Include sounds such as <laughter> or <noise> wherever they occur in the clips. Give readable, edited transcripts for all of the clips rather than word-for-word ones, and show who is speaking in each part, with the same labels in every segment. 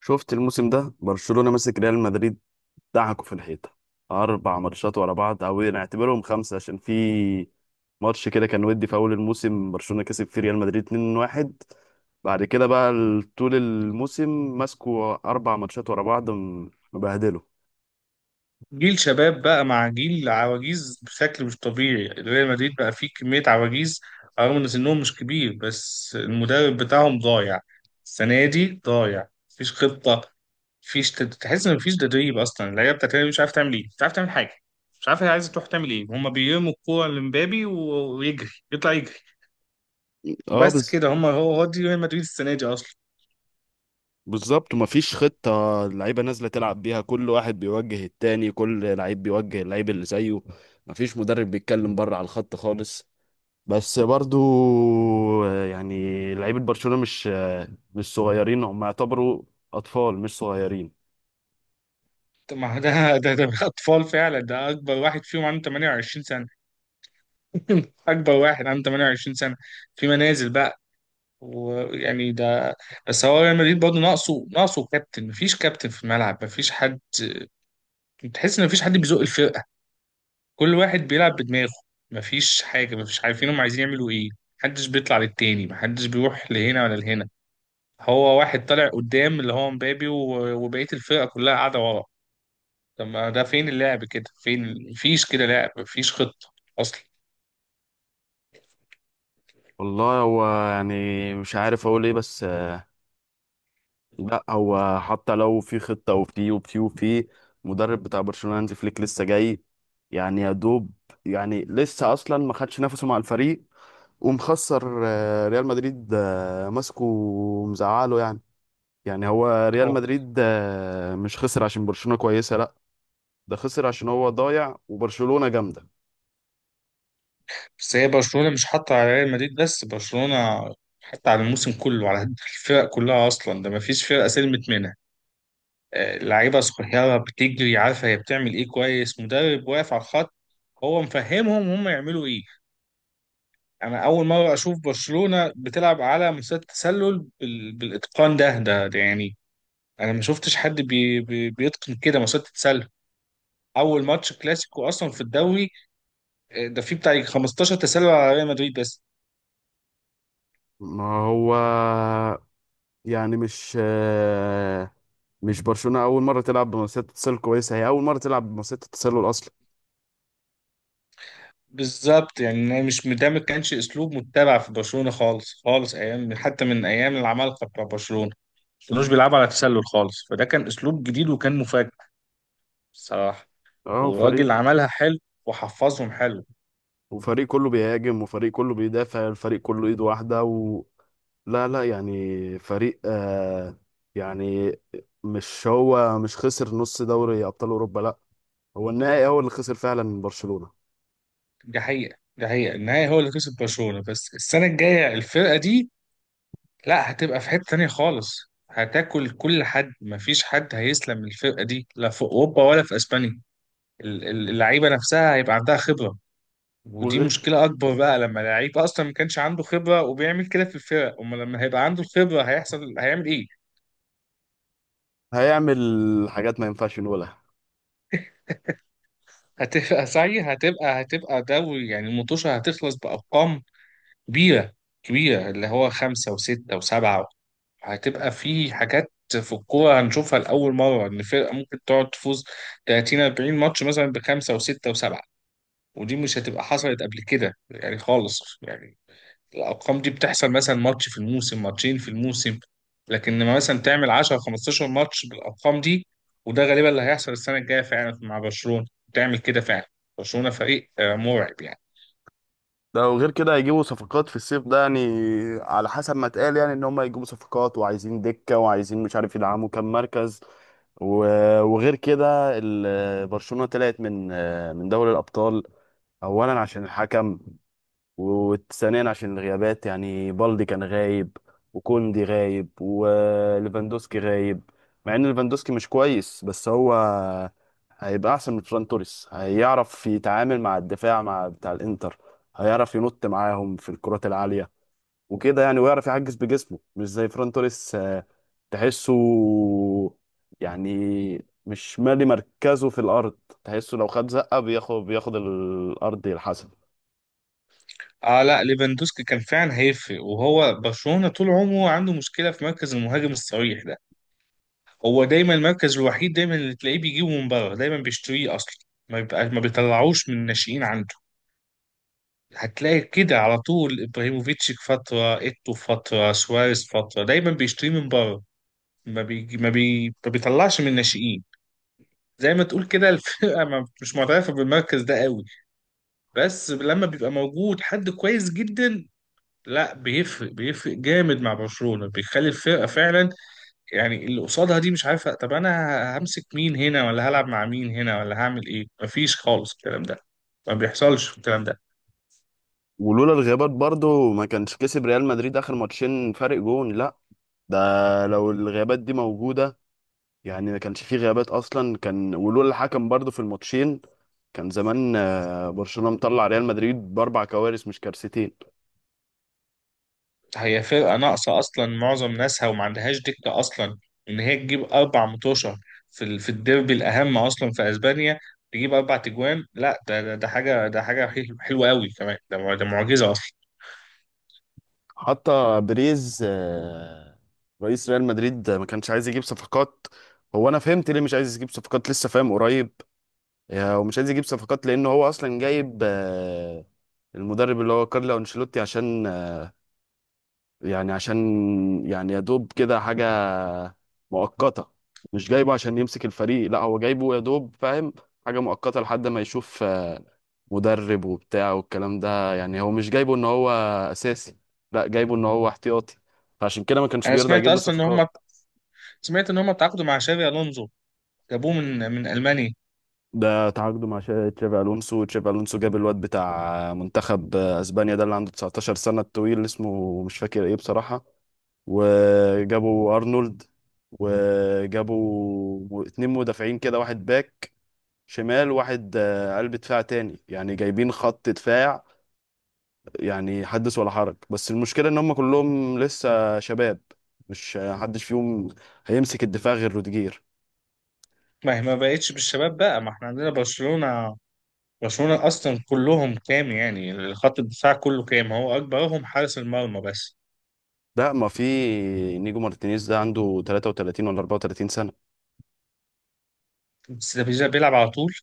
Speaker 1: شفت الموسم ده برشلونة ماسك ريال مدريد دعكوا في الحيطة. أربع ماتشات ورا بعض، أو نعتبرهم خمسة عشان في ماتش كده كان ودي في أول الموسم برشلونة كسب فيه ريال مدريد 2-1. بعد كده بقى طول الموسم ماسكوا أربع ماتشات ورا بعض مبهدلوا.
Speaker 2: جيل شباب بقى مع جيل عواجيز بشكل مش طبيعي. ريال مدريد بقى فيه كمية عواجيز رغم ان سنهم مش كبير، بس المدرب بتاعهم ضايع. السنة دي ضايع، مفيش خطة. مفيش تحس ان مفيش تدريب اصلا. اللعيبة بتاعت الريال مش عارف تعمل ايه، مش عارف تعمل حاجة، مش عارف هي عايزة تروح تعمل ايه. هما بيرموا الكورة لمبابي ويجري يطلع يجري.
Speaker 1: اه
Speaker 2: وبس
Speaker 1: بس.
Speaker 2: كده، هما هو دي ريال مدريد السنة دي اصلا.
Speaker 1: بالظبط، ومفيش خطة، اللعيبة نازلة تلعب بيها كل واحد بيوجه التاني، كل لعيب بيوجه اللعيب اللي زيه. مفيش مدرب بيتكلم بره على الخط خالص. بس برضو يعني لعيبة برشلونة مش مش صغيرين، هم يعتبروا أطفال مش صغيرين.
Speaker 2: طب ما ده <laughs> ده اطفال فعلا، ده اكبر واحد فيهم عنده 28. <laughs> اكبر واحد عنده 28 سنه في منازل بقى. ويعني ده، بس هو ريال مدريد برضه ناقصه كابتن. مفيش كابتن في الملعب، مفيش حد تحس ان مفيش حد بيزق الفرقه. كل واحد بيلعب بدماغه. مفيش حاجه، مفيش عارفين هم عايزين يعملوا ايه. محدش بيطلع للتاني، محدش بيروح لهنا ولا لهنا. هو واحد طالع قدام اللي هو مبابي وبقيه الفرقه كلها قاعده ورا. طب ما ده فين اللعب؟ كده فين؟ مفيش كده لعب، مفيش خطه اصلا.
Speaker 1: والله هو يعني مش عارف أقول إيه بس لا هو حتى لو في خطة وفي مدرب بتاع برشلونة هانزي فليك لسه جاي. يعني يا دوب، يعني لسه أصلا ما خدش نفسه مع الفريق، ومخسر ريال مدريد ماسكه ومزعله يعني. يعني هو ريال مدريد مش خسر عشان برشلونة كويسة، لا، ده خسر عشان هو ضايع وبرشلونة جامدة.
Speaker 2: بس هي برشلونة مش حاطة على ريال مدريد بس، برشلونة حتى على الموسم كله على الفرق كلها أصلا. ده مفيش فرقة سلمت منها. آه، لعيبة صغيرة بتجري عارفة هي بتعمل إيه كويس، مدرب واقف على الخط هو مفهمهم هم يعملوا إيه. أنا أول مرة أشوف برشلونة بتلعب على مسات تسلل بالإتقان ده يعني، أنا ما شفتش حد بي بي بيتقن كده مسات تسلل. أول ماتش كلاسيكو أصلا في الدوري، آه، ده فيه بتاع 15 تسلل على ريال مدريد بس.
Speaker 1: ما هو يعني مش مش برشلونة أول مرة تلعب بمنافسات اتصال كويسة، هي أول مرة تلعب بمنافسات التسلل أصلا.
Speaker 2: بالظبط، يعني إن هي مش ده ما كانش اسلوب متبع في برشلونه خالص خالص، ايام حتى من ايام العمالقه بتاع برشلونه ما كانوش بيلعبوا على تسلل خالص. فده كان اسلوب جديد وكان مفاجئ بصراحه.
Speaker 1: اه وفريق،
Speaker 2: وراجل عملها حلو وحفظهم حلو.
Speaker 1: وفريق كله بيهاجم وفريق كله بيدافع، الفريق كله إيد واحدة و... لا لا يعني فريق آه يعني، مش هو مش خسر نص دوري أبطال أوروبا، لا، هو النهائي هو اللي خسر فعلا من برشلونة.
Speaker 2: دي حقيقه، النهائي هو اللي كسب برشلونه. بس السنه الجايه الفرقه دي لا، هتبقى في حته تانيه خالص. هتاكل كل حد، مفيش حد هيسلم من الفرقه دي لا في اوروبا ولا في اسبانيا. اللعيبه نفسها هيبقى عندها خبره. ودي
Speaker 1: وغير
Speaker 2: مشكلة أكبر بقى لما لعيب أصلا ما كانش عنده خبرة وبيعمل كده في الفرق، أما لما هيبقى عنده الخبرة هيحصل، هيعمل إيه؟
Speaker 1: هيعمل حاجات ما ينفعش نقولها.
Speaker 2: هتبقى دوري، يعني المطوشة هتخلص بأرقام كبيرة. كبيرة اللي هو خمسة وستة وسبعة. هتبقى في حاجات في الكورة هنشوفها لأول مرة، إن فرقة ممكن تقعد تفوز 30 40 ماتش مثلا بخمسة وستة وسبعة. ودي مش هتبقى حصلت قبل كده يعني خالص، يعني الارقام دي بتحصل مثلا ماتش في الموسم، ماتشين في الموسم. لكن لما مثلا تعمل 10 15 ماتش بالارقام دي، وده غالبا اللي هيحصل السنه الجايه فعلا مع برشلونه، تعمل كده فعلا. برشلونه فريق آه، مرعب يعني.
Speaker 1: ده وغير كده هيجيبوا صفقات في الصيف ده، يعني على حسب ما اتقال يعني ان هم هيجيبوا صفقات وعايزين دكة وعايزين مش عارف يدعموا كام مركز. وغير كده برشلونة طلعت من دوري الأبطال. أولا عشان الحكم، وثانيا عشان الغيابات، يعني بالدي كان غايب وكوندي غايب وليفاندوسكي غايب. مع ان ليفاندوسكي مش كويس بس هو هيبقى احسن من فران توريس، هيعرف يتعامل مع الدفاع مع بتاع الانتر، هيعرف ينط معاهم في الكرات العالية وكده يعني، ويعرف يعجز بجسمه مش زي فران توريس تحسه يعني مش مالي مركزه في الارض، تحسه لو خد زقة بياخد الارض يلحسها.
Speaker 2: اه لا، ليفاندوسكي كان فعلا هيفرق. وهو برشلونه طول عمره عنده مشكله في مركز المهاجم الصريح ده. هو دايما المركز الوحيد دايما اللي تلاقيه بيجيبه من بره، دايما بيشتريه اصلا. ما بيطلعوش من الناشئين عنده. هتلاقي كده على طول ابراهيموفيتش في فتره، ايتو في فتره، سواريز في فتره، دايما بيشتري من بره. ما بيطلعش من الناشئين. زي ما تقول كده الفرقه <laughs> مش معترفه بالمركز ده قوي. بس لما بيبقى موجود حد كويس جدا لا، بيفرق جامد مع برشلونه. بيخلي الفرقه فعلا يعني اللي قصادها دي مش عارفه، طب انا همسك مين هنا، ولا هلعب مع مين هنا، ولا هعمل ايه؟ مفيش خالص الكلام ده، ما بيحصلش الكلام ده.
Speaker 1: ولولا الغيابات برضو ما كانش كسب ريال مدريد آخر ماتشين فارق جون، لا، ده لو الغيابات دي موجودة، يعني ما كانش فيه غيابات أصلا، كان ولولا الحكم برضو في الماتشين كان زمان برشلونة مطلع ريال مدريد بأربع كوارث مش كارثتين.
Speaker 2: هي فرقة ناقصة أصلا معظم ناسها وما عندهاش دكة أصلا. إن هي تجيب أربع متوشة في في الديربي الأهم أصلا في أسبانيا، تجيب أربع تجوان، لا ده ده حاجة، ده حاجة حلوة أوي كمان. ده ده معجزة أصلا.
Speaker 1: حتى بريز رئيس ريال مدريد ما كانش عايز يجيب صفقات. هو أنا فهمت ليه مش عايز يجيب صفقات لسه فاهم قريب. ومش عايز يجيب صفقات لأنه هو أصلا جايب المدرب اللي هو كارلو أنشيلوتي، عشان يعني، عشان يعني يا دوب كده حاجة مؤقتة. مش جايبه عشان يمسك الفريق، لا، هو جايبه يا دوب، فاهم، حاجة مؤقتة لحد ما يشوف مدرب وبتاع والكلام ده، يعني هو مش جايبه ان هو اساسي، لا، جايبه ان هو احتياطي. فعشان كده ما كانش
Speaker 2: أنا
Speaker 1: بيرضى
Speaker 2: سمعت
Speaker 1: يجيب له
Speaker 2: أصلا إن هم
Speaker 1: صفقات.
Speaker 2: سمعت إن هم تعاقدوا مع شابي ألونزو، جابوه من ألمانيا.
Speaker 1: ده تعاقده مع تشافي الونسو، تشافي الونسو جاب الواد بتاع منتخب اسبانيا ده اللي عنده 19 سنة الطويل اسمه مش فاكر ايه بصراحة. وجابوا ارنولد، وجابوا اتنين مدافعين كده، واحد باك شمال، واحد قلب دفاع تاني، يعني جايبين خط دفاع، يعني حدث ولا حرج. بس المشكلة ان هم كلهم لسه شباب، مش حدش فيهم هيمسك الدفاع غير روديجير.
Speaker 2: ما هي ما بقتش بالشباب بقى، ما إحنا عندنا برشلونة أصلا كلهم كام؟ يعني خط الدفاع كله كام؟ هو أكبرهم حارس المرمى بس.
Speaker 1: لا ما في، نيجو مارتينيز ده عنده 33 ولا 34 سنة.
Speaker 2: بس ده بيلعب على طول.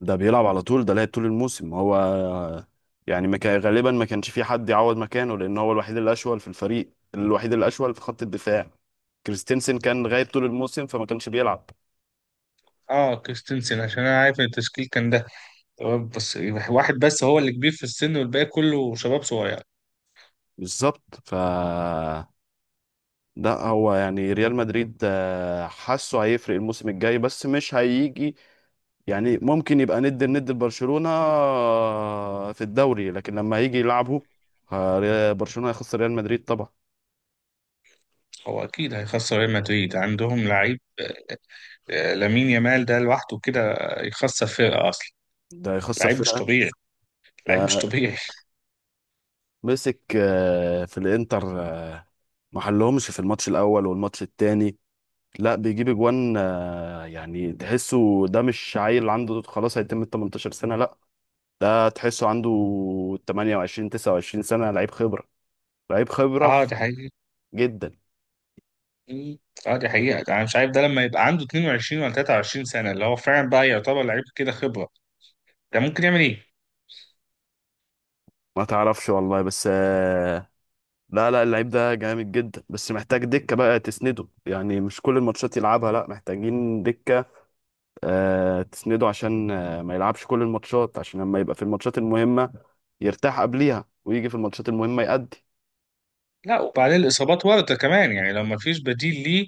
Speaker 1: ده بيلعب على طول، ده لعب طول الموسم هو، يعني ما كان غالبا، ما كانش في حد يعوض مكانه لان هو الوحيد الاشول في الفريق، الوحيد الاشول في خط الدفاع. كريستنسن كان غايب طول الموسم فما كانش بيلعب.
Speaker 2: اه كريستنسن، عشان انا عارف ان التشكيل كان ده تمام، بس واحد بس هو اللي كبير في السن والباقي كله شباب صغير.
Speaker 1: بالظبط، ف ده هو يعني ريال مدريد حاسه هيفرق الموسم الجاي بس مش هيجي. يعني ممكن يبقى ند الند لبرشلونة في الدوري، لكن لما هيجي يلعبه برشلونة هيخسر ريال مدريد طبعا.
Speaker 2: هو اكيد هيخسر ريال مدريد، عندهم لعيب آه، لامين يامال ده لوحده كده يخسر فرقه اصلا.
Speaker 1: ده هيخسر
Speaker 2: لعيب مش
Speaker 1: فرقة.
Speaker 2: طبيعي. لعيب مش
Speaker 1: ده
Speaker 2: طبيعي.
Speaker 1: مسك في الانتر ما حلهمش في الماتش الاول والماتش التاني، لا بيجيب اجوان يعني تحسه ده مش عيل عنده خلاص هيتم ال 18 سنه، لا، ده تحسه عنده 28 29 سنه، لعيب خبره، لعيب
Speaker 2: <laughs>
Speaker 1: خبره
Speaker 2: اه دي حقيقة.
Speaker 1: جدا.
Speaker 2: مم. اه دي حقيقة، انا مش عارف ده لما يبقى عنده 22 ولا 23 سنة اللي هو فعلا بقى يعتبر لعيب كده خبرة، ده ممكن يعمل ايه؟
Speaker 1: ما تعرفش والله، بس لا لا، اللعيب ده جامد جدا بس محتاج دكه بقى تسنده، يعني مش كل الماتشات يلعبها، لا، محتاجين دكه تسنده عشان ما يلعبش كل الماتشات، عشان لما يبقى في الماتشات المهمة يرتاح قبليها، ويجي في الماتشات المهمة يأدي.
Speaker 2: لا وبعدين الاصابات ورطة كمان، يعني لو ما فيش بديل ليه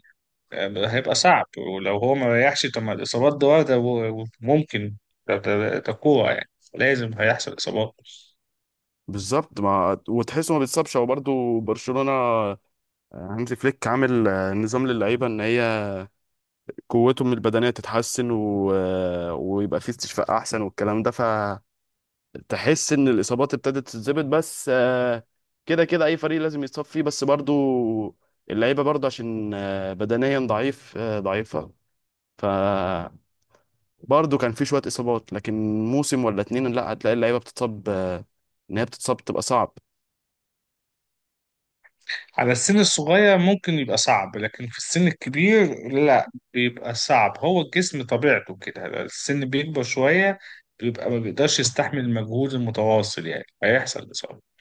Speaker 2: هيبقى صعب. ولو هو ما ريحش، طب ما الإصابات دي واردة وممكن تقوع، يعني لازم هيحصل إصابات.
Speaker 1: بالظبط، ما وتحسه ما بيتصابش هو برضه، برشلونة هانزي فليك عامل نظام للعيبة ان هي قوتهم البدنية تتحسن و... ويبقى في استشفاء احسن والكلام ده، فتحس ان الإصابات ابتدت تتظبط. بس كده كده اي فريق لازم يتصاب فيه، بس برضه اللعيبة برضه عشان بدنيا ضعيف ضعيفة، ف برضه كان في شوية إصابات. لكن موسم ولا اتنين لا هتلاقي اللعيبة بتتصاب إن هي بتتصاب بتبقى صعب.
Speaker 2: على السن الصغير ممكن يبقى صعب، لكن في السن الكبير لا، بيبقى صعب. هو الجسم طبيعته كده، السن بيكبر شوية بيبقى ما بيقدرش يستحمل المجهود المتواصل، يعني هيحصل إصابة.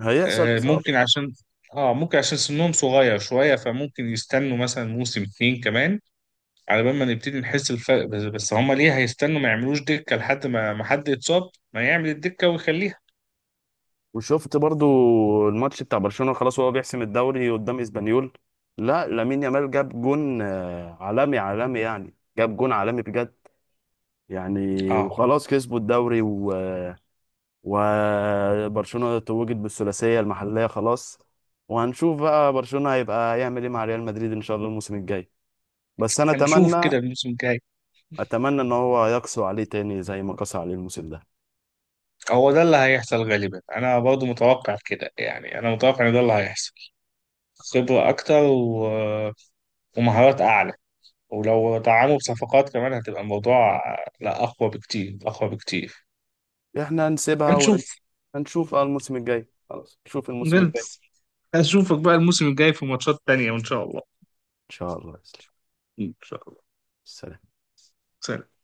Speaker 1: هيحصل
Speaker 2: آه،
Speaker 1: إصابة.
Speaker 2: ممكن عشان اه ممكن عشان سنهم صغير شوية، فممكن يستنوا مثلا موسم اتنين كمان على بال ما نبتدي نحس بالفرق. بس هما ليه هيستنوا؟ ما يعملوش دكة لحد ما حد يتصاب، ما يعمل الدكة ويخليها.
Speaker 1: وشفت برضه الماتش بتاع برشلونة خلاص وهو بيحسم الدوري قدام إسبانيول، لا لامين يامال جاب جون عالمي عالمي يعني، جاب جون عالمي بجد يعني.
Speaker 2: اه
Speaker 1: وخلاص كسبوا الدوري وبرشلونة توجت بالثلاثية المحلية خلاص. وهنشوف بقى برشلونة هيبقى يعمل ايه مع ريال مدريد ان شاء الله الموسم الجاي. بس انا
Speaker 2: هنشوف
Speaker 1: اتمنى،
Speaker 2: كده الموسم الجاي،
Speaker 1: اتمنى ان هو يقسو عليه تاني زي ما قسى عليه الموسم ده.
Speaker 2: هو ده اللي هيحصل غالبا. انا برضو متوقع كده يعني، انا متوقع ان ده اللي هيحصل. خبرة اكتر و... ومهارات اعلى، ولو دعموا بصفقات كمان هتبقى الموضوع لا، اقوى بكتير، اقوى بكتير.
Speaker 1: احنا هنسيبها
Speaker 2: هنشوف.
Speaker 1: ونشوف الموسم الجاي، خلاص، نشوف الموسم الجاي ان
Speaker 2: نلبس. هشوفك بقى الموسم الجاي في ماتشات تانية، وان شاء الله.
Speaker 1: شاء الله يا سلام.
Speaker 2: ان شاء الله.
Speaker 1: سلام.
Speaker 2: سلام